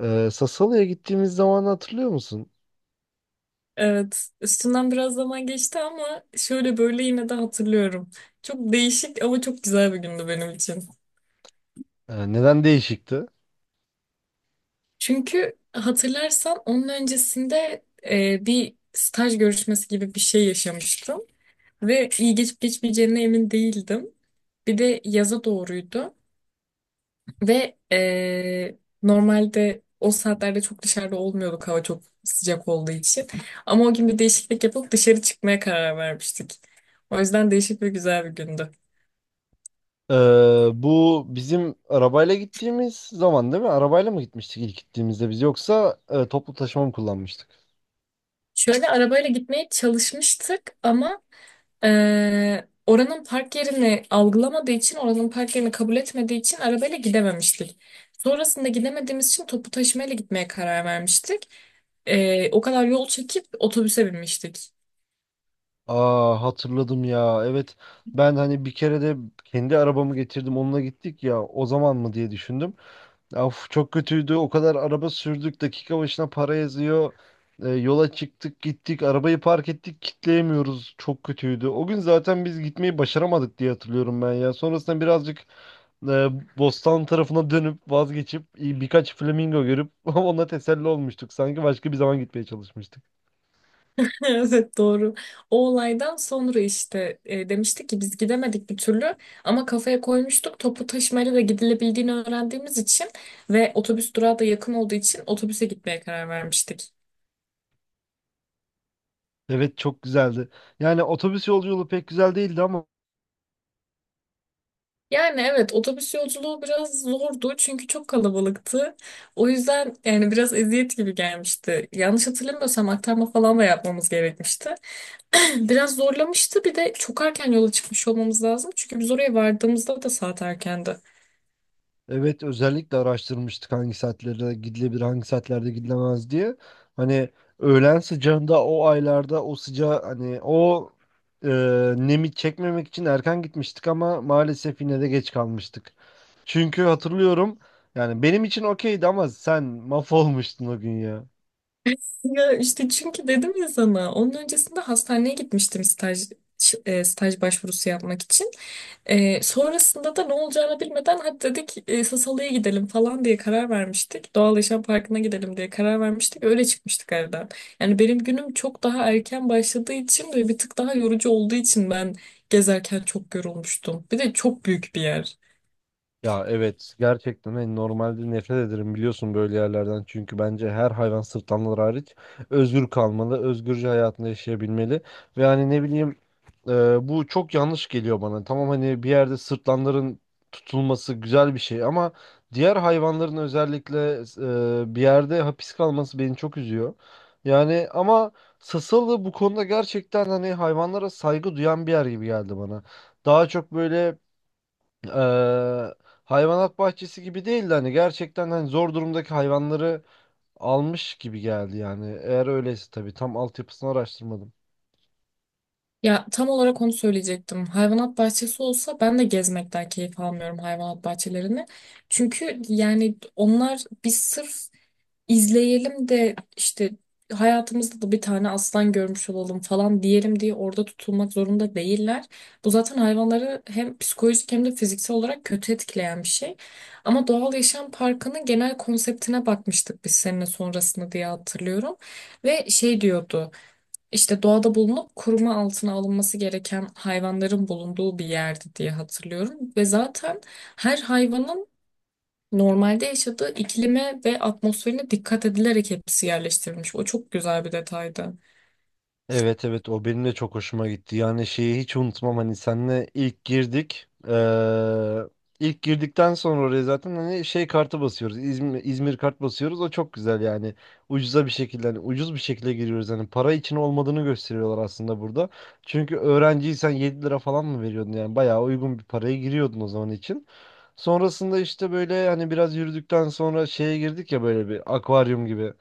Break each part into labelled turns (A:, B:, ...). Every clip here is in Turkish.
A: Sassuolo'ya gittiğimiz zaman hatırlıyor musun?
B: Evet, üstünden biraz zaman geçti ama şöyle böyle yine de hatırlıyorum. Çok değişik ama çok güzel bir gündü benim için.
A: Neden değişikti?
B: Çünkü hatırlarsan onun öncesinde bir staj görüşmesi gibi bir şey yaşamıştım ve iyi geçip geçmeyeceğine emin değildim. Bir de yaza doğruydu ve normalde o saatlerde çok dışarıda olmuyorduk hava çok sıcak olduğu için. Ama o gün bir değişiklik yapıp dışarı çıkmaya karar vermiştik. O yüzden değişik ve güzel bir gündü.
A: Ee, Bu bizim arabayla gittiğimiz zaman değil mi? Arabayla mı gitmiştik ilk gittiğimizde biz yoksa toplu taşıma mı kullanmıştık?
B: Şöyle arabayla gitmeye çalışmıştık ama oranın park yerini algılamadığı için, oranın park yerini kabul etmediği için arabayla gidememiştik. Sonrasında gidemediğimiz için topu taşımayla gitmeye karar vermiştik. O kadar yol çekip otobüse binmiştik.
A: Aa, hatırladım ya. Evet, ben hani bir kere de kendi arabamı getirdim onunla gittik ya o zaman mı diye düşündüm. Of, çok kötüydü. O kadar araba sürdük. Dakika başına para yazıyor. Yola çıktık gittik. Arabayı park ettik. Kitleyemiyoruz. Çok kötüydü. O gün zaten biz gitmeyi başaramadık diye hatırlıyorum ben ya. Sonrasında birazcık e, Bostan tarafına dönüp vazgeçip birkaç flamingo görüp ona teselli olmuştuk. Sanki başka bir zaman gitmeye çalışmıştık.
B: Evet doğru. O olaydan sonra işte demiştik ki biz gidemedik bir türlü ama kafaya koymuştuk topu taşımayla da gidilebildiğini öğrendiğimiz için ve otobüs durağı da yakın olduğu için otobüse gitmeye karar vermiştik.
A: Evet, çok güzeldi. Yani otobüs yolculuğu pek güzel değildi ama.
B: Yani evet otobüs yolculuğu biraz zordu çünkü çok kalabalıktı. O yüzden yani biraz eziyet gibi gelmişti. Yanlış hatırlamıyorsam aktarma falan da yapmamız gerekmişti. Biraz zorlamıştı bir de çok erken yola çıkmış olmamız lazım çünkü biz oraya vardığımızda da saat erkendi.
A: Evet, özellikle araştırmıştık hangi saatlerde gidilebilir, hangi saatlerde gidilemez diye. Hani öğlen sıcağında o aylarda o sıcağı hani o e, nemi çekmemek için erken gitmiştik ama maalesef yine de geç kalmıştık. Çünkü hatırlıyorum, yani benim için okeydi ama sen mahvolmuştun o gün ya.
B: Ya işte çünkü dedim ya sana onun öncesinde hastaneye gitmiştim staj staj başvurusu yapmak için. Sonrasında da ne olacağını bilmeden hadi dedik Sasalı'ya gidelim falan diye karar vermiştik. Doğal Yaşam Parkı'na gidelim diye karar vermiştik. Öyle çıkmıştık evden. Yani benim günüm çok daha erken başladığı için ve bir tık daha yorucu olduğu için ben gezerken çok yorulmuştum. Bir de çok büyük bir yer.
A: Ya evet, gerçekten hani normalde nefret ederim biliyorsun böyle yerlerden çünkü bence her hayvan, sırtlanlar hariç, özgür kalmalı, özgürce hayatını yaşayabilmeli ve hani ne bileyim, bu çok yanlış geliyor bana. Tamam, hani bir yerde sırtlanların tutulması güzel bir şey ama diğer hayvanların özellikle bir yerde hapis kalması beni çok üzüyor. Yani ama Sasalı bu konuda gerçekten hani hayvanlara saygı duyan bir yer gibi geldi bana. Daha çok böyle e, hayvanat bahçesi gibi değil de hani gerçekten hani zor durumdaki hayvanları almış gibi geldi yani. Eğer öyleyse tabii, tam altyapısını araştırmadım.
B: Ya tam olarak onu söyleyecektim. Hayvanat bahçesi olsa ben de gezmekten keyif almıyorum hayvanat bahçelerini. Çünkü yani onlar biz sırf izleyelim de işte hayatımızda da bir tane aslan görmüş olalım falan diyelim diye orada tutulmak zorunda değiller. Bu zaten hayvanları hem psikolojik hem de fiziksel olarak kötü etkileyen bir şey. Ama doğal yaşam parkının genel konseptine bakmıştık biz seninle sonrasında diye hatırlıyorum. Ve şey diyordu işte doğada bulunup koruma altına alınması gereken hayvanların bulunduğu bir yerdi diye hatırlıyorum. Ve zaten her hayvanın normalde yaşadığı iklime ve atmosferine dikkat edilerek hepsi yerleştirilmiş. O çok güzel bir detaydı.
A: Evet evet, o benim de çok hoşuma gitti. Yani şeyi hiç unutmam, hani senle ilk girdik. İlk girdikten sonra oraya zaten hani şey kartı basıyoruz. İzmir, İzmir kart basıyoruz. O çok güzel yani. Ucuza bir şekilde, hani ucuz bir şekilde giriyoruz. Hani para için olmadığını gösteriyorlar aslında burada. Çünkü öğrenciysen 7 lira falan mı veriyordun, yani bayağı uygun bir paraya giriyordun o zaman için. Sonrasında işte böyle hani biraz yürüdükten sonra şeye girdik ya, böyle bir akvaryum gibi,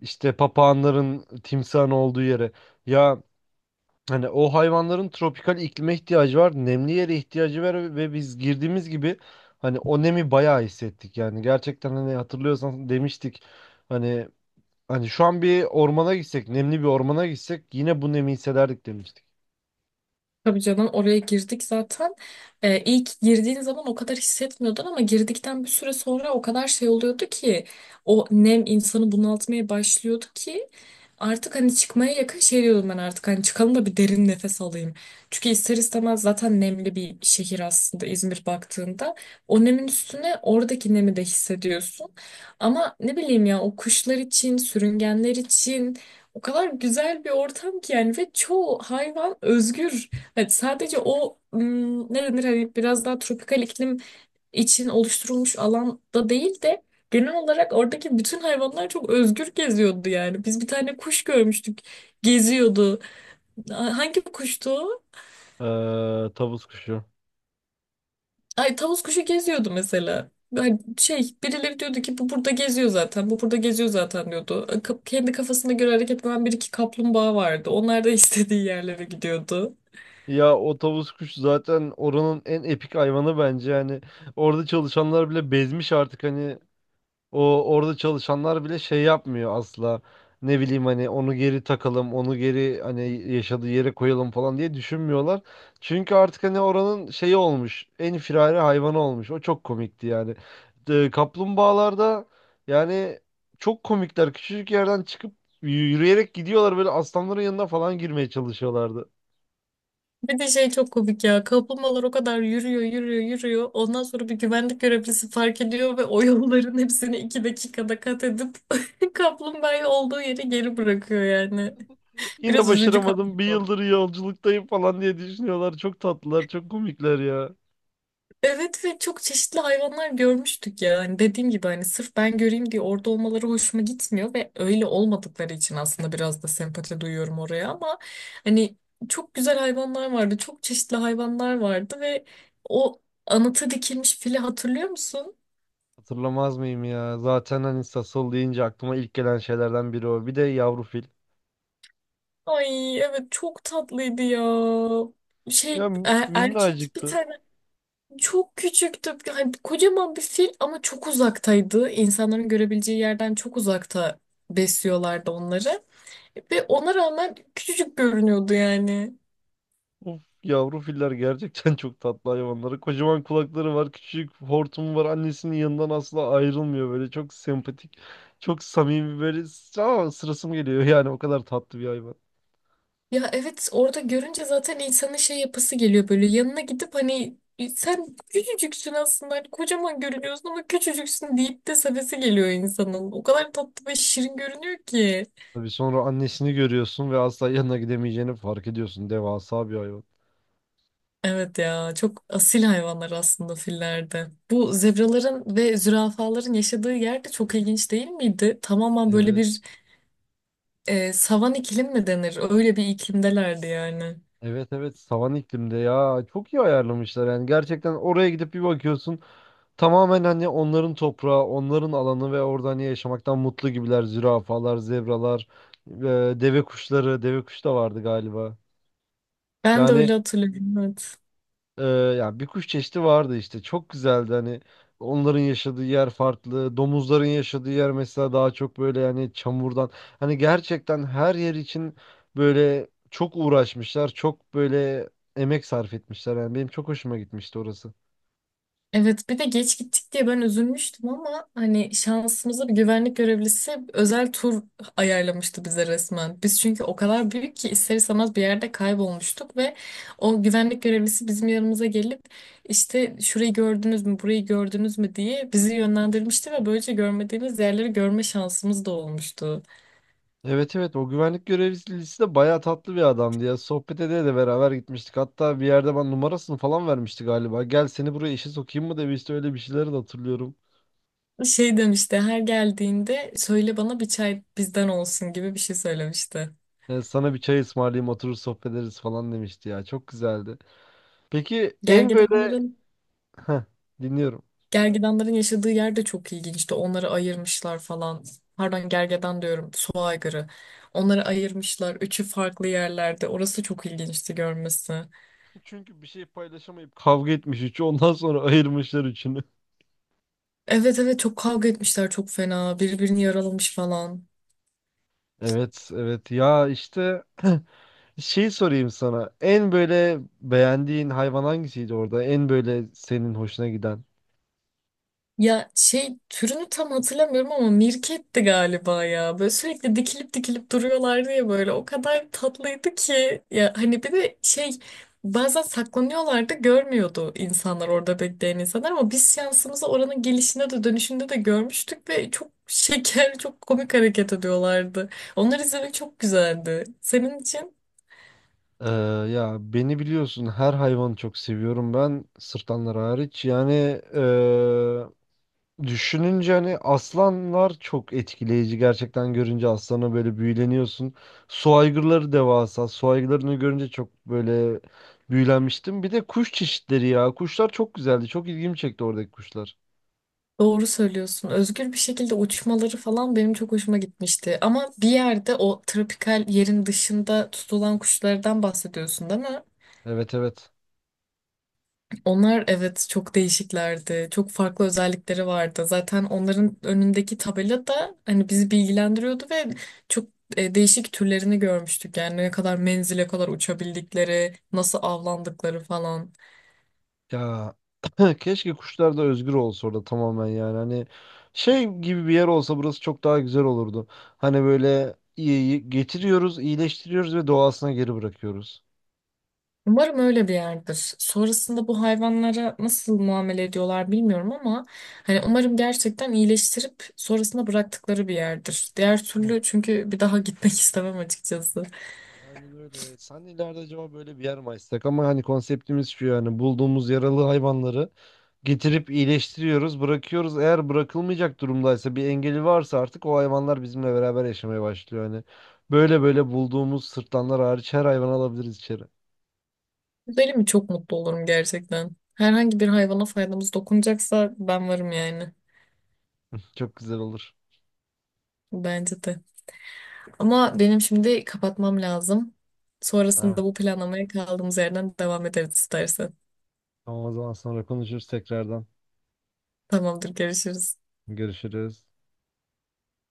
A: işte papağanların timsahın olduğu yere. Ya hani o hayvanların tropikal iklime ihtiyacı var, nemli yere ihtiyacı var ve biz girdiğimiz gibi hani o nemi bayağı hissettik. Yani gerçekten hani hatırlıyorsan demiştik, hani hani şu an bir ormana gitsek, nemli bir ormana gitsek yine bu nemi hissederdik demiştik.
B: Tabii canım oraya girdik zaten. İlk girdiğin zaman o kadar hissetmiyordun ama girdikten bir süre sonra o kadar şey oluyordu ki o nem insanı bunaltmaya başlıyordu ki artık hani çıkmaya yakın şey diyordum ben artık hani çıkalım da bir derin nefes alayım. Çünkü ister istemez zaten nemli bir şehir aslında İzmir baktığında. O nemin üstüne oradaki nemi de hissediyorsun. Ama ne bileyim ya o kuşlar için, sürüngenler için o kadar güzel bir ortam ki yani ve çoğu hayvan özgür. Evet, sadece o ne denir hani biraz daha tropikal iklim için oluşturulmuş alanda değil de genel olarak oradaki bütün hayvanlar çok özgür geziyordu yani. Biz bir tane kuş görmüştük geziyordu. Hangi kuştu o?
A: Ee, Tavus kuşu.
B: Ay tavus kuşu geziyordu mesela. Hani şey birileri diyordu ki bu burada geziyor zaten bu burada geziyor zaten diyordu. Kendi kafasına göre hareket eden bir iki kaplumbağa vardı. Onlar da istediği yerlere gidiyordu.
A: Ya o tavus kuşu zaten oranın en epik hayvanı bence, yani orada çalışanlar bile bezmiş artık hani. O, orada çalışanlar bile şey yapmıyor asla. Ne bileyim hani onu geri takalım, onu geri hani yaşadığı yere koyalım falan diye düşünmüyorlar. Çünkü artık hani oranın şeyi olmuş. En firari hayvanı olmuş. O çok komikti yani. De, kaplumbağalarda yani çok komikler. Küçücük yerden çıkıp yürüyerek gidiyorlar böyle, aslanların yanına falan girmeye çalışıyorlardı.
B: Bir de şey çok komik ya. Kaplumbağalar o kadar yürüyor, yürüyor, yürüyor. Ondan sonra bir güvenlik görevlisi fark ediyor ve o yolların hepsini iki dakikada kat edip kaplumbağayı olduğu yere geri bırakıyor yani.
A: Yine
B: Biraz üzücü
A: başaramadım. Bir
B: kaplumbağa.
A: yıldır yolculuktayım falan diye düşünüyorlar. Çok tatlılar, çok komikler ya.
B: Evet ve çok çeşitli hayvanlar görmüştük ya. Hani dediğim gibi hani sırf ben göreyim diye orada olmaları hoşuma gitmiyor ve öyle olmadıkları için aslında biraz da sempati duyuyorum oraya ama hani çok güzel hayvanlar vardı. Çok çeşitli hayvanlar vardı ve o anıta dikilmiş fili hatırlıyor musun?
A: Hatırlamaz mıyım ya? Zaten hani Sasol deyince aklıma ilk gelen şeylerden biri o. Bir de yavru fil.
B: Ay evet çok tatlıydı ya. Şey
A: Ya
B: erkek bir
A: minnacıktı.
B: tane çok küçüktü. Yani kocaman bir fil ama çok uzaktaydı. İnsanların görebileceği yerden çok uzakta besliyorlardı onları. Ve ona rağmen küçücük görünüyordu yani.
A: Of, yavru filler gerçekten çok tatlı hayvanları. Kocaman kulakları var, küçük hortumu var. Annesinin yanından asla ayrılmıyor böyle. Çok sempatik, çok samimi böyle. Ama sırası mı geliyor yani, o kadar tatlı bir hayvan.
B: Ya evet orada görünce zaten insanın şey yapısı geliyor böyle yanına gidip hani "E, sen küçücüksün aslında hani kocaman görünüyorsun ama küçücüksün deyip de sevesi geliyor insanın. O kadar tatlı ve şirin görünüyor ki.
A: Tabii sonra annesini görüyorsun ve asla yanına gidemeyeceğini fark ediyorsun. Devasa bir hayvan.
B: Evet ya çok asil hayvanlar aslında fillerde. Bu zebraların ve zürafaların yaşadığı yer de çok ilginç değil miydi? Tamamen böyle
A: Evet.
B: bir savan iklim mi denir? Öyle bir iklimdelerdi yani.
A: Evet evet, savan iklimde ya, çok iyi ayarlamışlar yani, gerçekten oraya gidip bir bakıyorsun tamamen hani onların toprağı, onların alanı ve orada hani yaşamaktan mutlu gibiler. Zürafalar, zebralar, deve kuşları, deve kuş da vardı galiba.
B: Ben de
A: Yani
B: öyle hatırlıyorum. Evet.
A: e, yani bir kuş çeşidi vardı işte. Çok güzeldi hani, onların yaşadığı yer farklı. Domuzların yaşadığı yer mesela daha çok böyle yani çamurdan. Hani gerçekten her yer için böyle çok uğraşmışlar. Çok böyle emek sarf etmişler. Yani benim çok hoşuma gitmişti orası.
B: Evet bir de geç gittik diye ben üzülmüştüm ama hani şansımıza bir güvenlik görevlisi özel tur ayarlamıştı bize resmen. Biz çünkü o kadar büyük ki ister istemez bir yerde kaybolmuştuk ve o güvenlik görevlisi bizim yanımıza gelip işte şurayı gördünüz mü burayı gördünüz mü diye bizi yönlendirmişti ve böylece görmediğimiz yerleri görme şansımız da olmuştu.
A: Evet evet, o güvenlik görevlisi de bayağı tatlı bir adamdı ya. Sohbet ede de beraber gitmiştik. Hatta bir yerde ben numarasını falan vermişti galiba. Gel seni buraya işe sokayım mı demişti. Öyle bir şeyleri de hatırlıyorum.
B: Şey demişti her geldiğinde söyle bana bir çay bizden olsun gibi bir şey söylemişti.
A: Yani sana bir çay ısmarlayayım oturur sohbet ederiz falan demişti ya. Çok güzeldi. Peki en böyle...
B: Gergedanların
A: Heh, dinliyorum.
B: Gergedanların yaşadığı yer de çok ilginçti. Onları ayırmışlar falan. Pardon gergedan diyorum. Su aygırı. Onları ayırmışlar. Üçü farklı yerlerde. Orası çok ilginçti görmesi.
A: Çünkü bir şey paylaşamayıp kavga etmiş üçü, ondan sonra ayırmışlar üçünü.
B: Evet evet çok kavga etmişler çok fena. Birbirini yaralamış falan.
A: Evet evet ya, işte şey sorayım sana. En böyle beğendiğin hayvan hangisiydi orada? En böyle senin hoşuna giden?
B: Ya şey türünü tam hatırlamıyorum ama mirketti galiba ya. Böyle sürekli dikilip dikilip duruyorlardı ya böyle. O kadar tatlıydı ki. Ya hani bir de şey bazen saklanıyorlardı görmüyordu insanlar orada bekleyen insanlar ama biz şansımızı oranın gelişinde de dönüşünde de görmüştük ve çok şeker çok komik hareket ediyorlardı. Onları izlemek çok güzeldi. Senin için?
A: Ee, Ya beni biliyorsun, her hayvanı çok seviyorum ben, sırtlanlar hariç. Yani düşününce hani aslanlar çok etkileyici. Gerçekten görünce aslana böyle büyüleniyorsun. Su aygırları devasa. Su aygırlarını görünce çok böyle büyülenmiştim. Bir de kuş çeşitleri ya. Kuşlar çok güzeldi. Çok ilgimi çekti oradaki kuşlar.
B: Doğru söylüyorsun. Özgür bir şekilde uçmaları falan benim çok hoşuma gitmişti. Ama bir yerde o tropikal yerin dışında tutulan kuşlardan bahsediyorsun değil mi?
A: Evet evet.
B: Onlar evet çok değişiklerdi. Çok farklı özellikleri vardı. Zaten onların önündeki tabela da hani bizi bilgilendiriyordu ve çok değişik türlerini görmüştük. Yani ne kadar menzile kadar uçabildikleri, nasıl avlandıkları falan.
A: Ya keşke kuşlar da özgür olsa orada tamamen, yani hani şey gibi bir yer olsa burası çok daha güzel olurdu. Hani böyle iyi getiriyoruz, iyileştiriyoruz ve doğasına geri bırakıyoruz.
B: Umarım öyle bir yerdir. Sonrasında bu hayvanlara nasıl muamele ediyorlar bilmiyorum ama hani umarım gerçekten iyileştirip sonrasında bıraktıkları bir yerdir. Diğer
A: Hı.
B: türlü çünkü bir daha gitmek istemem açıkçası.
A: Aynen öyle. Sen de ileride acaba böyle bir yer mi açsak? Ama hani konseptimiz şu, yani bulduğumuz yaralı hayvanları getirip iyileştiriyoruz, bırakıyoruz. Eğer bırakılmayacak durumdaysa, bir engeli varsa artık o hayvanlar bizimle beraber yaşamaya başlıyor. Hani böyle böyle bulduğumuz, sırtlanlar hariç her hayvanı alabiliriz içeri.
B: Gidelim mi çok mutlu olurum gerçekten. Herhangi bir hayvana faydamız dokunacaksa ben varım yani.
A: Çok güzel olur.
B: Bence de. Ama benim şimdi kapatmam lazım.
A: Ha,
B: Sonrasında bu planlamaya kaldığımız yerden devam ederiz istersen.
A: tamam, o zaman sonra konuşuruz tekrardan.
B: Tamamdır, görüşürüz.
A: Görüşürüz.